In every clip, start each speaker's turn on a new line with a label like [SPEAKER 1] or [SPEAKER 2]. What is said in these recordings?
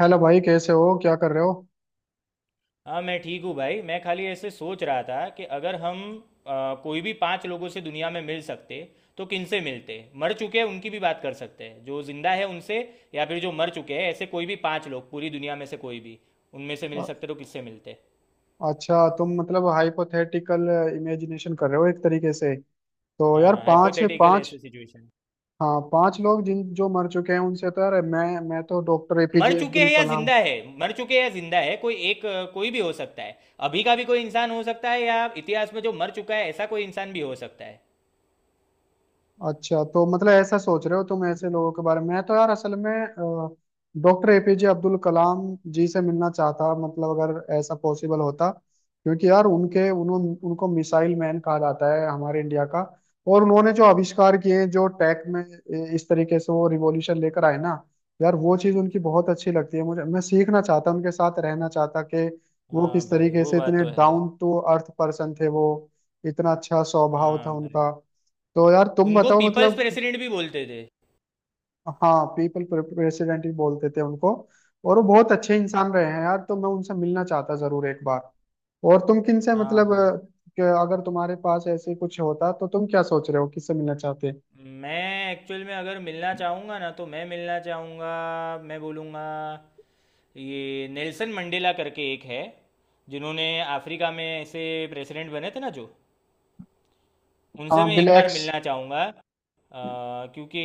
[SPEAKER 1] Hello भाई, कैसे हो, क्या कर रहे हो।
[SPEAKER 2] हाँ, मैं ठीक हूँ भाई। मैं खाली ऐसे सोच रहा था कि अगर हम कोई भी पांच लोगों से दुनिया में मिल सकते तो किनसे मिलते? मर चुके हैं उनकी भी बात कर सकते हैं, जो जिंदा है उनसे या फिर जो मर चुके हैं, ऐसे कोई भी पांच लोग पूरी दुनिया में से, कोई भी उनमें से मिल
[SPEAKER 1] अ-
[SPEAKER 2] सकते तो किससे मिलते?
[SPEAKER 1] अच्छा, तुम मतलब हाइपोथेटिकल इमेजिनेशन कर रहे हो एक तरीके से। तो
[SPEAKER 2] हाँ
[SPEAKER 1] यार
[SPEAKER 2] हाँ,
[SPEAKER 1] पांच
[SPEAKER 2] हाइपोथेटिकल
[SPEAKER 1] पांच
[SPEAKER 2] ऐसे सिचुएशन।
[SPEAKER 1] हाँ, पांच लोग जिन जो मर चुके हैं उनसे तो यार मैं तो डॉक्टर
[SPEAKER 2] मर
[SPEAKER 1] एपीजे
[SPEAKER 2] चुके
[SPEAKER 1] अब्दुल
[SPEAKER 2] हैं या
[SPEAKER 1] कलाम।
[SPEAKER 2] जिंदा है, मर चुके हैं या जिंदा है, कोई एक, कोई भी हो सकता है। अभी का भी कोई इंसान हो सकता है, या इतिहास में जो मर चुका है ऐसा कोई इंसान भी हो सकता है।
[SPEAKER 1] अच्छा, तो मतलब ऐसा सोच रहे हो तुम, ऐसे लोगों के बारे में। मैं तो यार असल में डॉक्टर एपीजे अब्दुल कलाम जी से मिलना चाहता, मतलब अगर ऐसा पॉसिबल होता। क्योंकि यार उनके उन्होंने उनको मिसाइल मैन कहा जाता है हमारे इंडिया का। और उन्होंने जो आविष्कार किए, जो टेक में इस तरीके से वो रिवॉल्यूशन लेकर आए ना। यार वो चीज़ उनकी बहुत अच्छी लगती है मुझे, मैं सीखना चाहता, उनके साथ रहना चाहता कि वो
[SPEAKER 2] हाँ
[SPEAKER 1] किस
[SPEAKER 2] भाई,
[SPEAKER 1] तरीके
[SPEAKER 2] वो
[SPEAKER 1] से
[SPEAKER 2] बात
[SPEAKER 1] इतने
[SPEAKER 2] तो है।
[SPEAKER 1] डाउन टू अर्थ पर्सन थे वो। इतना अच्छा स्वभाव था
[SPEAKER 2] हाँ
[SPEAKER 1] उनका।
[SPEAKER 2] भाई।
[SPEAKER 1] तो यार तुम
[SPEAKER 2] उनको
[SPEAKER 1] बताओ
[SPEAKER 2] पीपल्स
[SPEAKER 1] मतलब।
[SPEAKER 2] प्रेसिडेंट भी बोलते थे।
[SPEAKER 1] हाँ, पीपल प्रेसिडेंट ही बोलते थे उनको। और वो बहुत अच्छे इंसान रहे हैं यार, तो मैं उनसे मिलना चाहता जरूर एक बार। और तुम किन से
[SPEAKER 2] हाँ
[SPEAKER 1] मतलब
[SPEAKER 2] भाई।
[SPEAKER 1] कि अगर तुम्हारे पास ऐसे कुछ होता तो तुम क्या सोच रहे हो, किससे मिलना चाहते।
[SPEAKER 2] मैं एक्चुअल में अगर मिलना चाहूँगा ना, तो मैं मिलना चाहूँगा, मैं बोलूँगा, ये नेल्सन मंडेला करके एक है, जिन्होंने अफ्रीका में ऐसे प्रेसिडेंट बने थे ना, जो
[SPEAKER 1] हाँ,
[SPEAKER 2] उनसे मैं एक बार
[SPEAKER 1] ब्लैक्स।
[SPEAKER 2] मिलना चाहूँगा। क्योंकि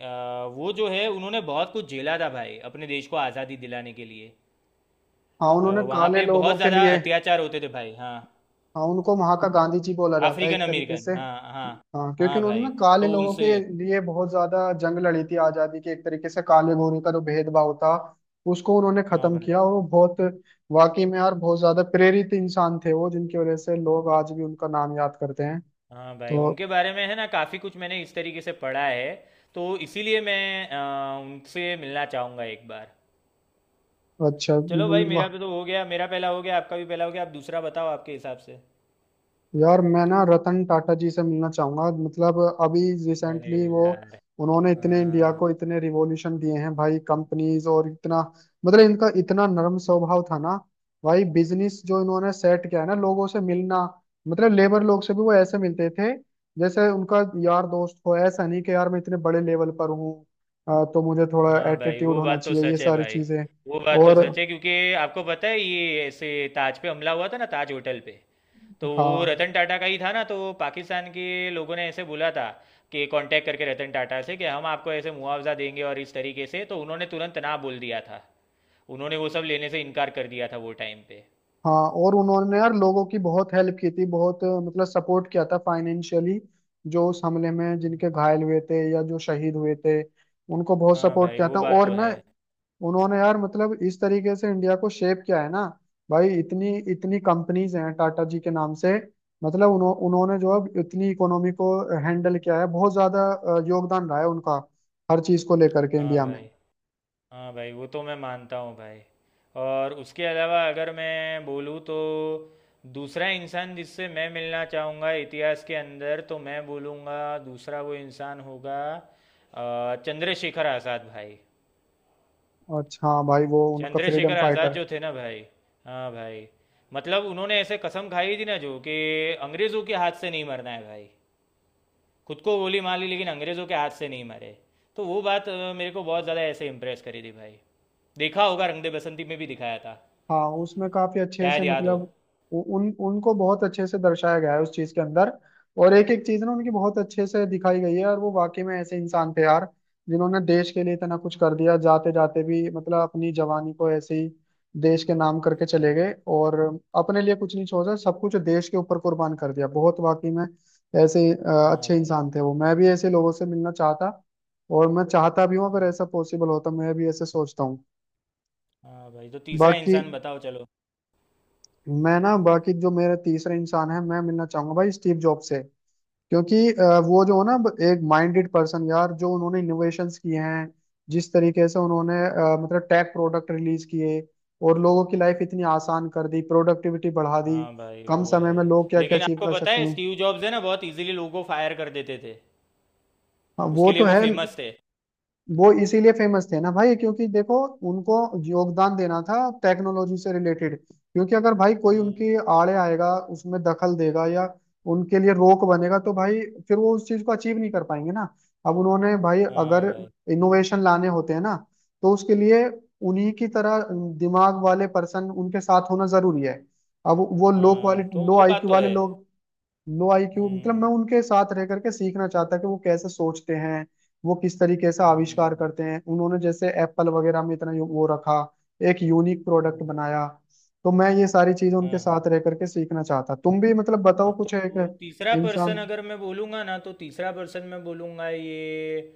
[SPEAKER 2] वो जो है, उन्होंने बहुत कुछ झेला था भाई अपने देश को आज़ादी दिलाने के लिए।
[SPEAKER 1] हाँ, उन्होंने
[SPEAKER 2] वहाँ
[SPEAKER 1] काले
[SPEAKER 2] पे बहुत
[SPEAKER 1] लोगों के
[SPEAKER 2] ज़्यादा
[SPEAKER 1] लिए।
[SPEAKER 2] अत्याचार होते थे भाई। हाँ।
[SPEAKER 1] हाँ, उनको वहां का गांधी जी बोला जाता है एक
[SPEAKER 2] अफ्रीकन
[SPEAKER 1] तरीके
[SPEAKER 2] अमेरिकन।
[SPEAKER 1] से।
[SPEAKER 2] हाँ हाँ।
[SPEAKER 1] हाँ, क्योंकि
[SPEAKER 2] हाँ
[SPEAKER 1] उन्होंने ना
[SPEAKER 2] भाई,
[SPEAKER 1] काले
[SPEAKER 2] तो
[SPEAKER 1] लोगों के
[SPEAKER 2] उनसे।
[SPEAKER 1] लिए बहुत ज्यादा जंग लड़ी थी आजादी के, एक तरीके से काले गोरे का जो भेदभाव था उसको उन्होंने
[SPEAKER 2] हाँ
[SPEAKER 1] खत्म
[SPEAKER 2] भाई।
[SPEAKER 1] किया। और वो बहुत वाकई में यार बहुत ज्यादा प्रेरित इंसान थे वो, जिनकी वजह से लोग आज भी उनका नाम याद करते हैं।
[SPEAKER 2] हाँ भाई,
[SPEAKER 1] तो
[SPEAKER 2] उनके बारे में है ना काफ़ी कुछ मैंने इस तरीके से पढ़ा है। तो इसीलिए मैं उनसे मिलना चाहूँगा एक बार।
[SPEAKER 1] अच्छा,
[SPEAKER 2] चलो भाई, मेरा भी तो हो गया, मेरा पहला हो गया, आपका भी पहला हो गया, आप दूसरा बताओ आपके हिसाब से।
[SPEAKER 1] यार मैं ना रतन टाटा जी से मिलना चाहूंगा, मतलब अभी
[SPEAKER 2] अरे
[SPEAKER 1] रिसेंटली वो
[SPEAKER 2] यार।
[SPEAKER 1] उन्होंने इतने इंडिया
[SPEAKER 2] हाँ।
[SPEAKER 1] को इतने रिवॉल्यूशन दिए हैं भाई, कंपनीज, और इतना मतलब इनका इतना नरम स्वभाव था ना भाई। बिजनेस जो इन्होंने सेट किया है ना, लोगों से मिलना, मतलब लेबर लोग से भी वो ऐसे मिलते थे जैसे उनका यार दोस्त हो। ऐसा नहीं कि यार मैं इतने बड़े लेवल पर हूँ तो मुझे थोड़ा
[SPEAKER 2] हाँ भाई,
[SPEAKER 1] एटीट्यूड
[SPEAKER 2] वो
[SPEAKER 1] होना
[SPEAKER 2] बात तो
[SPEAKER 1] चाहिए, ये
[SPEAKER 2] सच है
[SPEAKER 1] सारी
[SPEAKER 2] भाई,
[SPEAKER 1] चीजें।
[SPEAKER 2] वो बात तो
[SPEAKER 1] और
[SPEAKER 2] सच है, क्योंकि आपको पता है, ये ऐसे ताज पे हमला हुआ था ना, ताज होटल पे, तो वो
[SPEAKER 1] हाँ
[SPEAKER 2] रतन टाटा का ही था ना, तो पाकिस्तान के लोगों ने ऐसे बोला था कि कांटेक्ट करके रतन टाटा से कि हम आपको ऐसे मुआवजा देंगे और इस तरीके से, तो उन्होंने तुरंत ना बोल दिया था, उन्होंने वो सब लेने से इनकार कर दिया था वो टाइम पे।
[SPEAKER 1] हाँ और उन्होंने यार लोगों की बहुत हेल्प की थी, बहुत मतलब सपोर्ट किया था फाइनेंशियली, जो उस हमले में जिनके घायल हुए थे या जो शहीद हुए थे उनको बहुत
[SPEAKER 2] हाँ
[SPEAKER 1] सपोर्ट
[SPEAKER 2] भाई,
[SPEAKER 1] किया
[SPEAKER 2] वो
[SPEAKER 1] था।
[SPEAKER 2] बात
[SPEAKER 1] और
[SPEAKER 2] तो
[SPEAKER 1] ना
[SPEAKER 2] है।
[SPEAKER 1] उन्होंने यार मतलब इस तरीके से इंडिया को शेप किया है ना भाई। इतनी इतनी कंपनीज हैं टाटा जी के नाम से। मतलब उन्होंने जो अब इतनी इकोनॉमी को हैंडल किया है, बहुत ज्यादा योगदान रहा है उनका हर चीज को लेकर के
[SPEAKER 2] हाँ
[SPEAKER 1] इंडिया में।
[SPEAKER 2] भाई। हाँ भाई, वो तो मैं मानता हूँ भाई। और उसके अलावा अगर मैं बोलूँ तो, दूसरा इंसान जिससे मैं मिलना चाहूँगा इतिहास के अंदर, तो मैं बोलूँगा, दूसरा वो इंसान होगा चंद्रशेखर आज़ाद भाई।
[SPEAKER 1] अच्छा हाँ भाई, वो उनका फ्रीडम
[SPEAKER 2] चंद्रशेखर आज़ाद
[SPEAKER 1] फाइटर।
[SPEAKER 2] जो थे ना भाई, हाँ भाई, मतलब उन्होंने ऐसे कसम खाई थी ना, जो कि अंग्रेज़ों के हाथ से नहीं मरना है भाई। खुद को गोली मार ली, लेकिन अंग्रेज़ों के हाथ से नहीं मरे। तो वो बात मेरे को बहुत ज़्यादा ऐसे इम्प्रेस करी थी भाई। देखा होगा, रंग दे बसंती में भी दिखाया था,
[SPEAKER 1] हाँ, उसमें काफी अच्छे से
[SPEAKER 2] शायद याद हो।
[SPEAKER 1] मतलब उ, उन उनको बहुत अच्छे से दर्शाया गया है उस चीज के अंदर। और एक एक चीज ना उनकी बहुत अच्छे से दिखाई गई है, और वो वाकई में ऐसे इंसान थे यार जिन्होंने देश के लिए इतना कुछ कर दिया, जाते जाते भी मतलब अपनी जवानी को ऐसे ही देश के नाम करके चले
[SPEAKER 2] हाँ।
[SPEAKER 1] गए, और अपने लिए कुछ नहीं छोड़ा, सब कुछ देश के ऊपर कुर्बान कर दिया। बहुत वाकई में ऐसे
[SPEAKER 2] हाँ
[SPEAKER 1] अच्छे
[SPEAKER 2] भाई।
[SPEAKER 1] इंसान थे वो, मैं भी ऐसे लोगों से मिलना चाहता। और मैं चाहता भी हूँ, अगर ऐसा पॉसिबल होता, मैं भी ऐसे सोचता हूँ।
[SPEAKER 2] हाँ भाई, तो तीसरा
[SPEAKER 1] बाकी
[SPEAKER 2] इंसान बताओ चलो।
[SPEAKER 1] मैं ना, बाकी जो मेरा तीसरा इंसान है मैं मिलना चाहूंगा भाई स्टीव जॉब से। क्योंकि वो जो है ना एक माइंडेड पर्सन यार, जो उन्होंने इनोवेशंस किए हैं जिस तरीके से उन्होंने मतलब टेक प्रोडक्ट रिलीज किए, और लोगों की लाइफ इतनी आसान कर दी, प्रोडक्टिविटी बढ़ा दी,
[SPEAKER 2] हाँ भाई,
[SPEAKER 1] कम
[SPEAKER 2] वो
[SPEAKER 1] समय
[SPEAKER 2] है।
[SPEAKER 1] में लोग क्या क्या
[SPEAKER 2] लेकिन
[SPEAKER 1] अचीव
[SPEAKER 2] आपको
[SPEAKER 1] कर
[SPEAKER 2] पता
[SPEAKER 1] सकते
[SPEAKER 2] है,
[SPEAKER 1] हैं।
[SPEAKER 2] स्टीव जॉब्स है ना, बहुत इजीली लोगों को फायर कर देते थे,
[SPEAKER 1] हाँ, वो
[SPEAKER 2] उसके लिए
[SPEAKER 1] तो
[SPEAKER 2] वो
[SPEAKER 1] है।
[SPEAKER 2] फेमस थे।
[SPEAKER 1] वो इसीलिए फेमस थे ना भाई, क्योंकि देखो, उनको योगदान देना था टेक्नोलॉजी से रिलेटेड, क्योंकि अगर भाई कोई
[SPEAKER 2] हम्म।
[SPEAKER 1] उनकी आड़े आएगा, उसमें दखल देगा या उनके लिए रोक बनेगा, तो भाई फिर वो उस चीज को अचीव नहीं कर पाएंगे ना। अब उन्होंने भाई
[SPEAKER 2] हाँ
[SPEAKER 1] अगर
[SPEAKER 2] भाई।
[SPEAKER 1] इनोवेशन लाने होते हैं ना, तो उसके लिए उन्हीं की तरह दिमाग वाले पर्सन उनके साथ होना जरूरी है। अब वो लो
[SPEAKER 2] हाँ,
[SPEAKER 1] क्वालिटी
[SPEAKER 2] तो
[SPEAKER 1] लो
[SPEAKER 2] वो बात
[SPEAKER 1] आईक्यू
[SPEAKER 2] तो
[SPEAKER 1] वाले
[SPEAKER 2] है।
[SPEAKER 1] लोग, लो आईक्यू मतलब मैं
[SPEAKER 2] हम्म।
[SPEAKER 1] उनके साथ रह करके सीखना चाहता कि वो कैसे सोचते हैं, वो किस तरीके से आविष्कार
[SPEAKER 2] हम्म।
[SPEAKER 1] करते हैं। उन्होंने जैसे एप्पल वगैरह में इतना वो रखा, एक यूनिक प्रोडक्ट
[SPEAKER 2] हम्म।
[SPEAKER 1] बनाया। तो मैं ये सारी चीजें उनके
[SPEAKER 2] हाँ हाँ।
[SPEAKER 1] साथ रह करके सीखना चाहता। तुम भी मतलब बताओ
[SPEAKER 2] हाँ,
[SPEAKER 1] कुछ एक
[SPEAKER 2] तो तीसरा
[SPEAKER 1] इंसान।
[SPEAKER 2] पर्सन अगर मैं बोलूँगा ना, तो तीसरा पर्सन मैं बोलूँगा, ये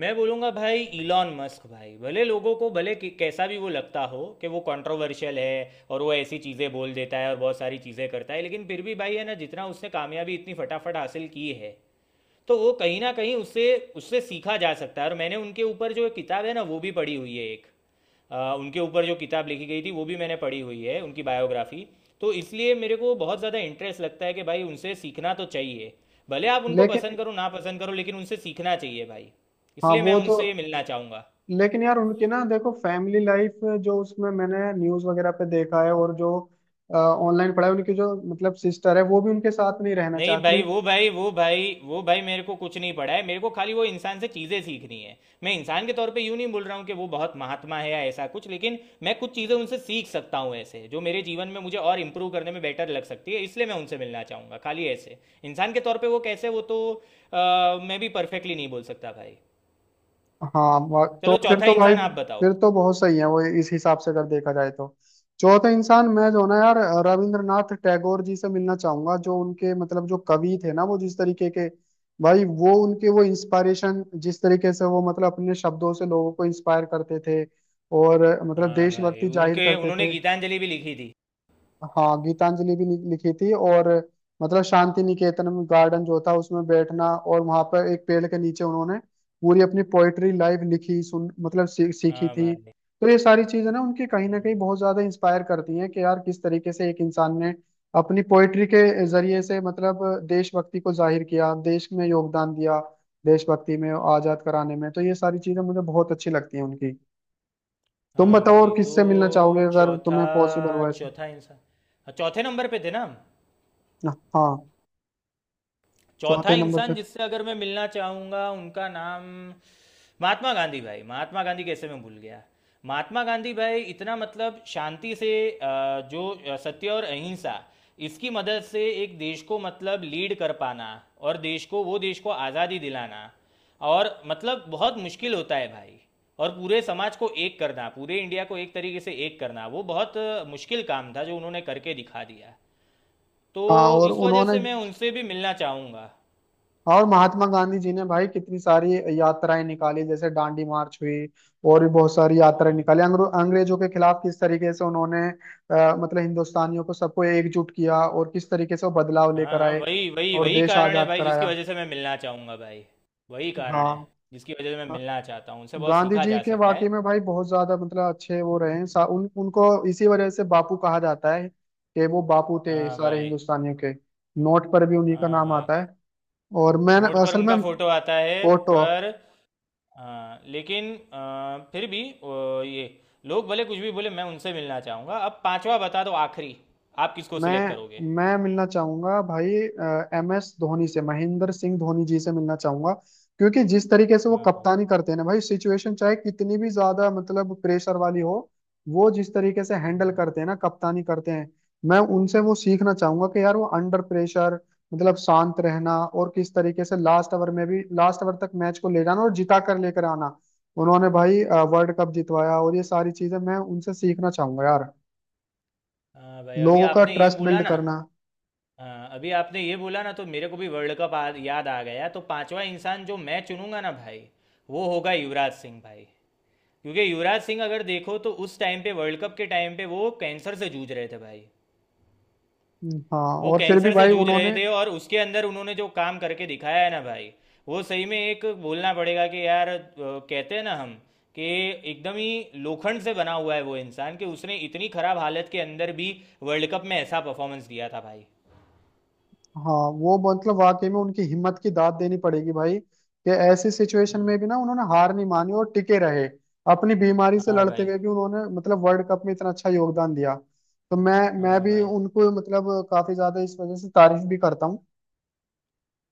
[SPEAKER 2] मैं बोलूँगा भाई इलॉन मस्क भाई। भले लोगों को भले कैसा भी वो लगता हो कि वो कंट्रोवर्शियल है और वो ऐसी चीज़ें बोल देता है और बहुत सारी चीज़ें करता है, लेकिन फिर भी भाई है ना, जितना उसने कामयाबी इतनी फटाफट हासिल की है, तो वो कहीं ना कहीं उससे, सीखा जा सकता है। और मैंने उनके ऊपर जो एक किताब है ना, वो भी पढ़ी हुई है एक। उनके ऊपर जो किताब लिखी गई थी वो भी मैंने पढ़ी हुई है, उनकी बायोग्राफी। तो इसलिए मेरे को बहुत ज़्यादा इंटरेस्ट लगता है कि भाई उनसे सीखना तो चाहिए। भले आप उनको पसंद
[SPEAKER 1] लेकिन
[SPEAKER 2] करो ना पसंद करो, लेकिन उनसे सीखना चाहिए भाई।
[SPEAKER 1] हाँ
[SPEAKER 2] इसलिए मैं
[SPEAKER 1] वो तो
[SPEAKER 2] उनसे मिलना चाहूँगा।
[SPEAKER 1] लेकिन यार उनकी ना देखो फैमिली लाइफ, जो उसमें मैंने न्यूज वगैरह पे देखा है और जो ऑनलाइन पढ़ा है, उनकी जो मतलब सिस्टर है वो भी उनके साथ नहीं रहना
[SPEAKER 2] नहीं
[SPEAKER 1] चाहती।
[SPEAKER 2] भाई, वो भाई, मेरे को कुछ नहीं पड़ा है, मेरे को खाली वो इंसान से चीज़ें सीखनी है। मैं इंसान के तौर पे यूँ नहीं बोल रहा हूँ कि वो बहुत महात्मा है या ऐसा कुछ, लेकिन मैं कुछ चीज़ें उनसे सीख सकता हूँ ऐसे, जो मेरे जीवन में मुझे और इम्प्रूव करने में बेटर लग सकती है, इसलिए मैं उनसे मिलना चाहूँगा खाली ऐसे। इंसान के तौर पर वो कैसे, वो तो मैं भी परफेक्टली नहीं बोल सकता भाई।
[SPEAKER 1] हाँ तो
[SPEAKER 2] चलो,
[SPEAKER 1] फिर
[SPEAKER 2] चौथा
[SPEAKER 1] तो भाई
[SPEAKER 2] इंसान आप बताओ।
[SPEAKER 1] फिर तो बहुत सही है वो, इस हिसाब से अगर देखा जाए तो। चौथे इंसान मैं जो ना यार रविंद्रनाथ टैगोर जी से मिलना चाहूंगा, जो उनके मतलब जो कवि थे ना, वो जिस तरीके के भाई वो उनके वो इंस्पायरेशन, जिस तरीके से वो मतलब अपने शब्दों से लोगों को इंस्पायर करते थे, और मतलब
[SPEAKER 2] हाँ भाई,
[SPEAKER 1] देशभक्ति जाहिर
[SPEAKER 2] उनके
[SPEAKER 1] करते
[SPEAKER 2] उन्होंने
[SPEAKER 1] थे।
[SPEAKER 2] गीतांजलि भी लिखी थी।
[SPEAKER 1] हाँ गीतांजलि भी लिखी थी, और मतलब शांति निकेतन में गार्डन जो था उसमें बैठना, और वहां पर एक पेड़ के नीचे उन्होंने पूरी अपनी पोइट्री लाइव लिखी, सुन मतलब सीखी
[SPEAKER 2] हाँ
[SPEAKER 1] थी।
[SPEAKER 2] भाई।
[SPEAKER 1] तो ये सारी चीजें ना उनकी कहीं ना कहीं बहुत ज्यादा इंस्पायर करती हैं कि यार किस तरीके से एक इंसान ने अपनी पोइट्री के जरिए से मतलब देशभक्ति को जाहिर किया, देश में योगदान दिया, देशभक्ति में आजाद कराने में। तो ये सारी चीजें मुझे बहुत अच्छी लगती हैं उनकी। तुम
[SPEAKER 2] हाँ
[SPEAKER 1] बताओ और
[SPEAKER 2] भाई, तो
[SPEAKER 1] किससे मिलना चाहोगे अगर
[SPEAKER 2] चौथा,
[SPEAKER 1] तुम्हें पॉसिबल हो ऐसे।
[SPEAKER 2] चौथा इंसान। हाँ, चौथे नंबर पे थे ना हम।
[SPEAKER 1] हाँ
[SPEAKER 2] चौथा
[SPEAKER 1] चौथे नंबर पे।
[SPEAKER 2] इंसान जिससे अगर मैं मिलना चाहूंगा, उनका नाम महात्मा गांधी भाई। महात्मा गांधी, कैसे मैं भूल गया। महात्मा गांधी भाई, इतना मतलब शांति से, जो सत्य और अहिंसा, इसकी मदद से एक देश को मतलब लीड कर पाना और देश को आज़ादी दिलाना, और मतलब बहुत मुश्किल होता है भाई। और पूरे समाज को एक करना, पूरे इंडिया को एक तरीके से एक करना, वो बहुत मुश्किल काम था जो उन्होंने करके दिखा दिया।
[SPEAKER 1] हाँ,
[SPEAKER 2] तो
[SPEAKER 1] और
[SPEAKER 2] इस वजह
[SPEAKER 1] उन्होंने
[SPEAKER 2] से मैं उनसे भी मिलना चाहूँगा।
[SPEAKER 1] और महात्मा गांधी जी ने भाई कितनी सारी यात्राएं निकाली, जैसे दांडी मार्च हुई, और भी बहुत सारी यात्राएं निकाली अंग्रेजों के खिलाफ। किस तरीके से उन्होंने मतलब हिंदुस्तानियों को सबको एकजुट किया और किस तरीके से वो बदलाव
[SPEAKER 2] हाँ
[SPEAKER 1] लेकर
[SPEAKER 2] हाँ,
[SPEAKER 1] आए
[SPEAKER 2] वही वही
[SPEAKER 1] और
[SPEAKER 2] वही
[SPEAKER 1] देश
[SPEAKER 2] कारण है
[SPEAKER 1] आजाद
[SPEAKER 2] भाई, जिसकी
[SPEAKER 1] कराया।
[SPEAKER 2] वजह से मैं मिलना चाहूँगा भाई। वही कारण
[SPEAKER 1] हाँ
[SPEAKER 2] है जिसकी वजह से मैं
[SPEAKER 1] हाँ,
[SPEAKER 2] मिलना चाहता हूँ उनसे, बहुत
[SPEAKER 1] गांधी
[SPEAKER 2] सीखा
[SPEAKER 1] जी
[SPEAKER 2] जा
[SPEAKER 1] के
[SPEAKER 2] सकता है।
[SPEAKER 1] वाकई में भाई बहुत ज्यादा मतलब अच्छे वो रहे हैं। उनको इसी वजह से बापू कहा जाता है, कि वो बापू थे
[SPEAKER 2] हाँ
[SPEAKER 1] सारे
[SPEAKER 2] भाई।
[SPEAKER 1] हिंदुस्तानियों के। नोट पर भी उन्हीं का
[SPEAKER 2] हाँ
[SPEAKER 1] नाम
[SPEAKER 2] भाई।
[SPEAKER 1] आता है। और मैं
[SPEAKER 2] नोट पर
[SPEAKER 1] असल
[SPEAKER 2] उनका
[SPEAKER 1] में
[SPEAKER 2] फोटो आता है
[SPEAKER 1] फोटो।
[SPEAKER 2] पर। हाँ, लेकिन फिर भी ये लोग भले कुछ भी बोले, मैं उनसे मिलना चाहूँगा। अब पांचवा बता दो, आखिरी, आप किसको सिलेक्ट करोगे?
[SPEAKER 1] मैं मिलना चाहूंगा भाई MS धोनी से, महेंद्र सिंह धोनी जी से मिलना चाहूंगा। क्योंकि जिस तरीके से वो
[SPEAKER 2] हाँ भाई।
[SPEAKER 1] कप्तानी करते हैं ना भाई, सिचुएशन चाहे कितनी भी ज्यादा मतलब प्रेशर वाली हो, वो जिस तरीके से हैंडल
[SPEAKER 2] हम्म।
[SPEAKER 1] करते हैं ना कप्तानी करते हैं, मैं उनसे वो सीखना चाहूंगा कि यार वो अंडर प्रेशर मतलब शांत रहना, और किस तरीके से लास्ट ओवर में भी, लास्ट ओवर तक मैच को ले जाना और जिता कर लेकर आना। उन्होंने भाई वर्ल्ड कप जितवाया, और ये सारी चीजें मैं उनसे सीखना चाहूंगा यार।
[SPEAKER 2] हाँ भाई, अभी
[SPEAKER 1] लोगों का
[SPEAKER 2] आपने ये
[SPEAKER 1] ट्रस्ट
[SPEAKER 2] बोला
[SPEAKER 1] बिल्ड
[SPEAKER 2] ना।
[SPEAKER 1] करना।
[SPEAKER 2] हाँ, अभी आपने ये बोला ना, तो मेरे को भी वर्ल्ड कप याद आ गया, तो पांचवा इंसान जो मैं चुनूंगा ना भाई, वो होगा युवराज सिंह भाई। क्योंकि युवराज सिंह अगर देखो, तो उस टाइम पे, वर्ल्ड कप के टाइम पे वो कैंसर से जूझ रहे थे भाई।
[SPEAKER 1] हाँ
[SPEAKER 2] वो
[SPEAKER 1] और फिर भी
[SPEAKER 2] कैंसर से
[SPEAKER 1] भाई
[SPEAKER 2] जूझ रहे
[SPEAKER 1] उन्होंने।
[SPEAKER 2] थे, और उसके अंदर उन्होंने जो काम करके दिखाया है ना भाई, वो सही में एक बोलना पड़ेगा कि यार, कहते हैं ना हम कि एकदम ही लोखंड से बना हुआ है वो इंसान, कि उसने इतनी खराब हालत के अंदर भी वर्ल्ड कप में ऐसा परफॉर्मेंस दिया था भाई।
[SPEAKER 1] हाँ, वो मतलब वाकई में उनकी हिम्मत की दाद देनी पड़ेगी भाई, कि ऐसी सिचुएशन में भी ना उन्होंने हार नहीं मानी और टिके रहे। अपनी बीमारी से
[SPEAKER 2] हाँ
[SPEAKER 1] लड़ते
[SPEAKER 2] भाई।
[SPEAKER 1] हुए भी उन्होंने मतलब वर्ल्ड कप में इतना अच्छा योगदान दिया। तो मैं
[SPEAKER 2] हाँ
[SPEAKER 1] भी
[SPEAKER 2] भाई।
[SPEAKER 1] उनको मतलब काफी ज्यादा इस वजह से तारीफ भी करता हूँ।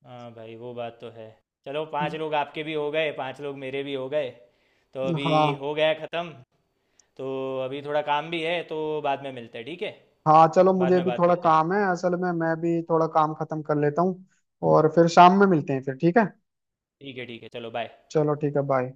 [SPEAKER 2] हाँ भाई, वो बात तो है। चलो, पांच लोग आपके भी हो गए, पांच लोग मेरे भी हो गए, तो अभी
[SPEAKER 1] हाँ।
[SPEAKER 2] हो गया ख़त्म। तो अभी थोड़ा काम भी है, तो बाद में मिलते हैं, ठीक है?
[SPEAKER 1] हाँ चलो,
[SPEAKER 2] बाद
[SPEAKER 1] मुझे
[SPEAKER 2] में
[SPEAKER 1] भी
[SPEAKER 2] बात
[SPEAKER 1] थोड़ा
[SPEAKER 2] करते हैं।
[SPEAKER 1] काम है असल में, मैं भी थोड़ा काम खत्म कर लेता हूँ, और फिर शाम में मिलते हैं फिर, ठीक है।
[SPEAKER 2] ठीक है, ठीक है, चलो, बाय।
[SPEAKER 1] चलो ठीक है, बाय।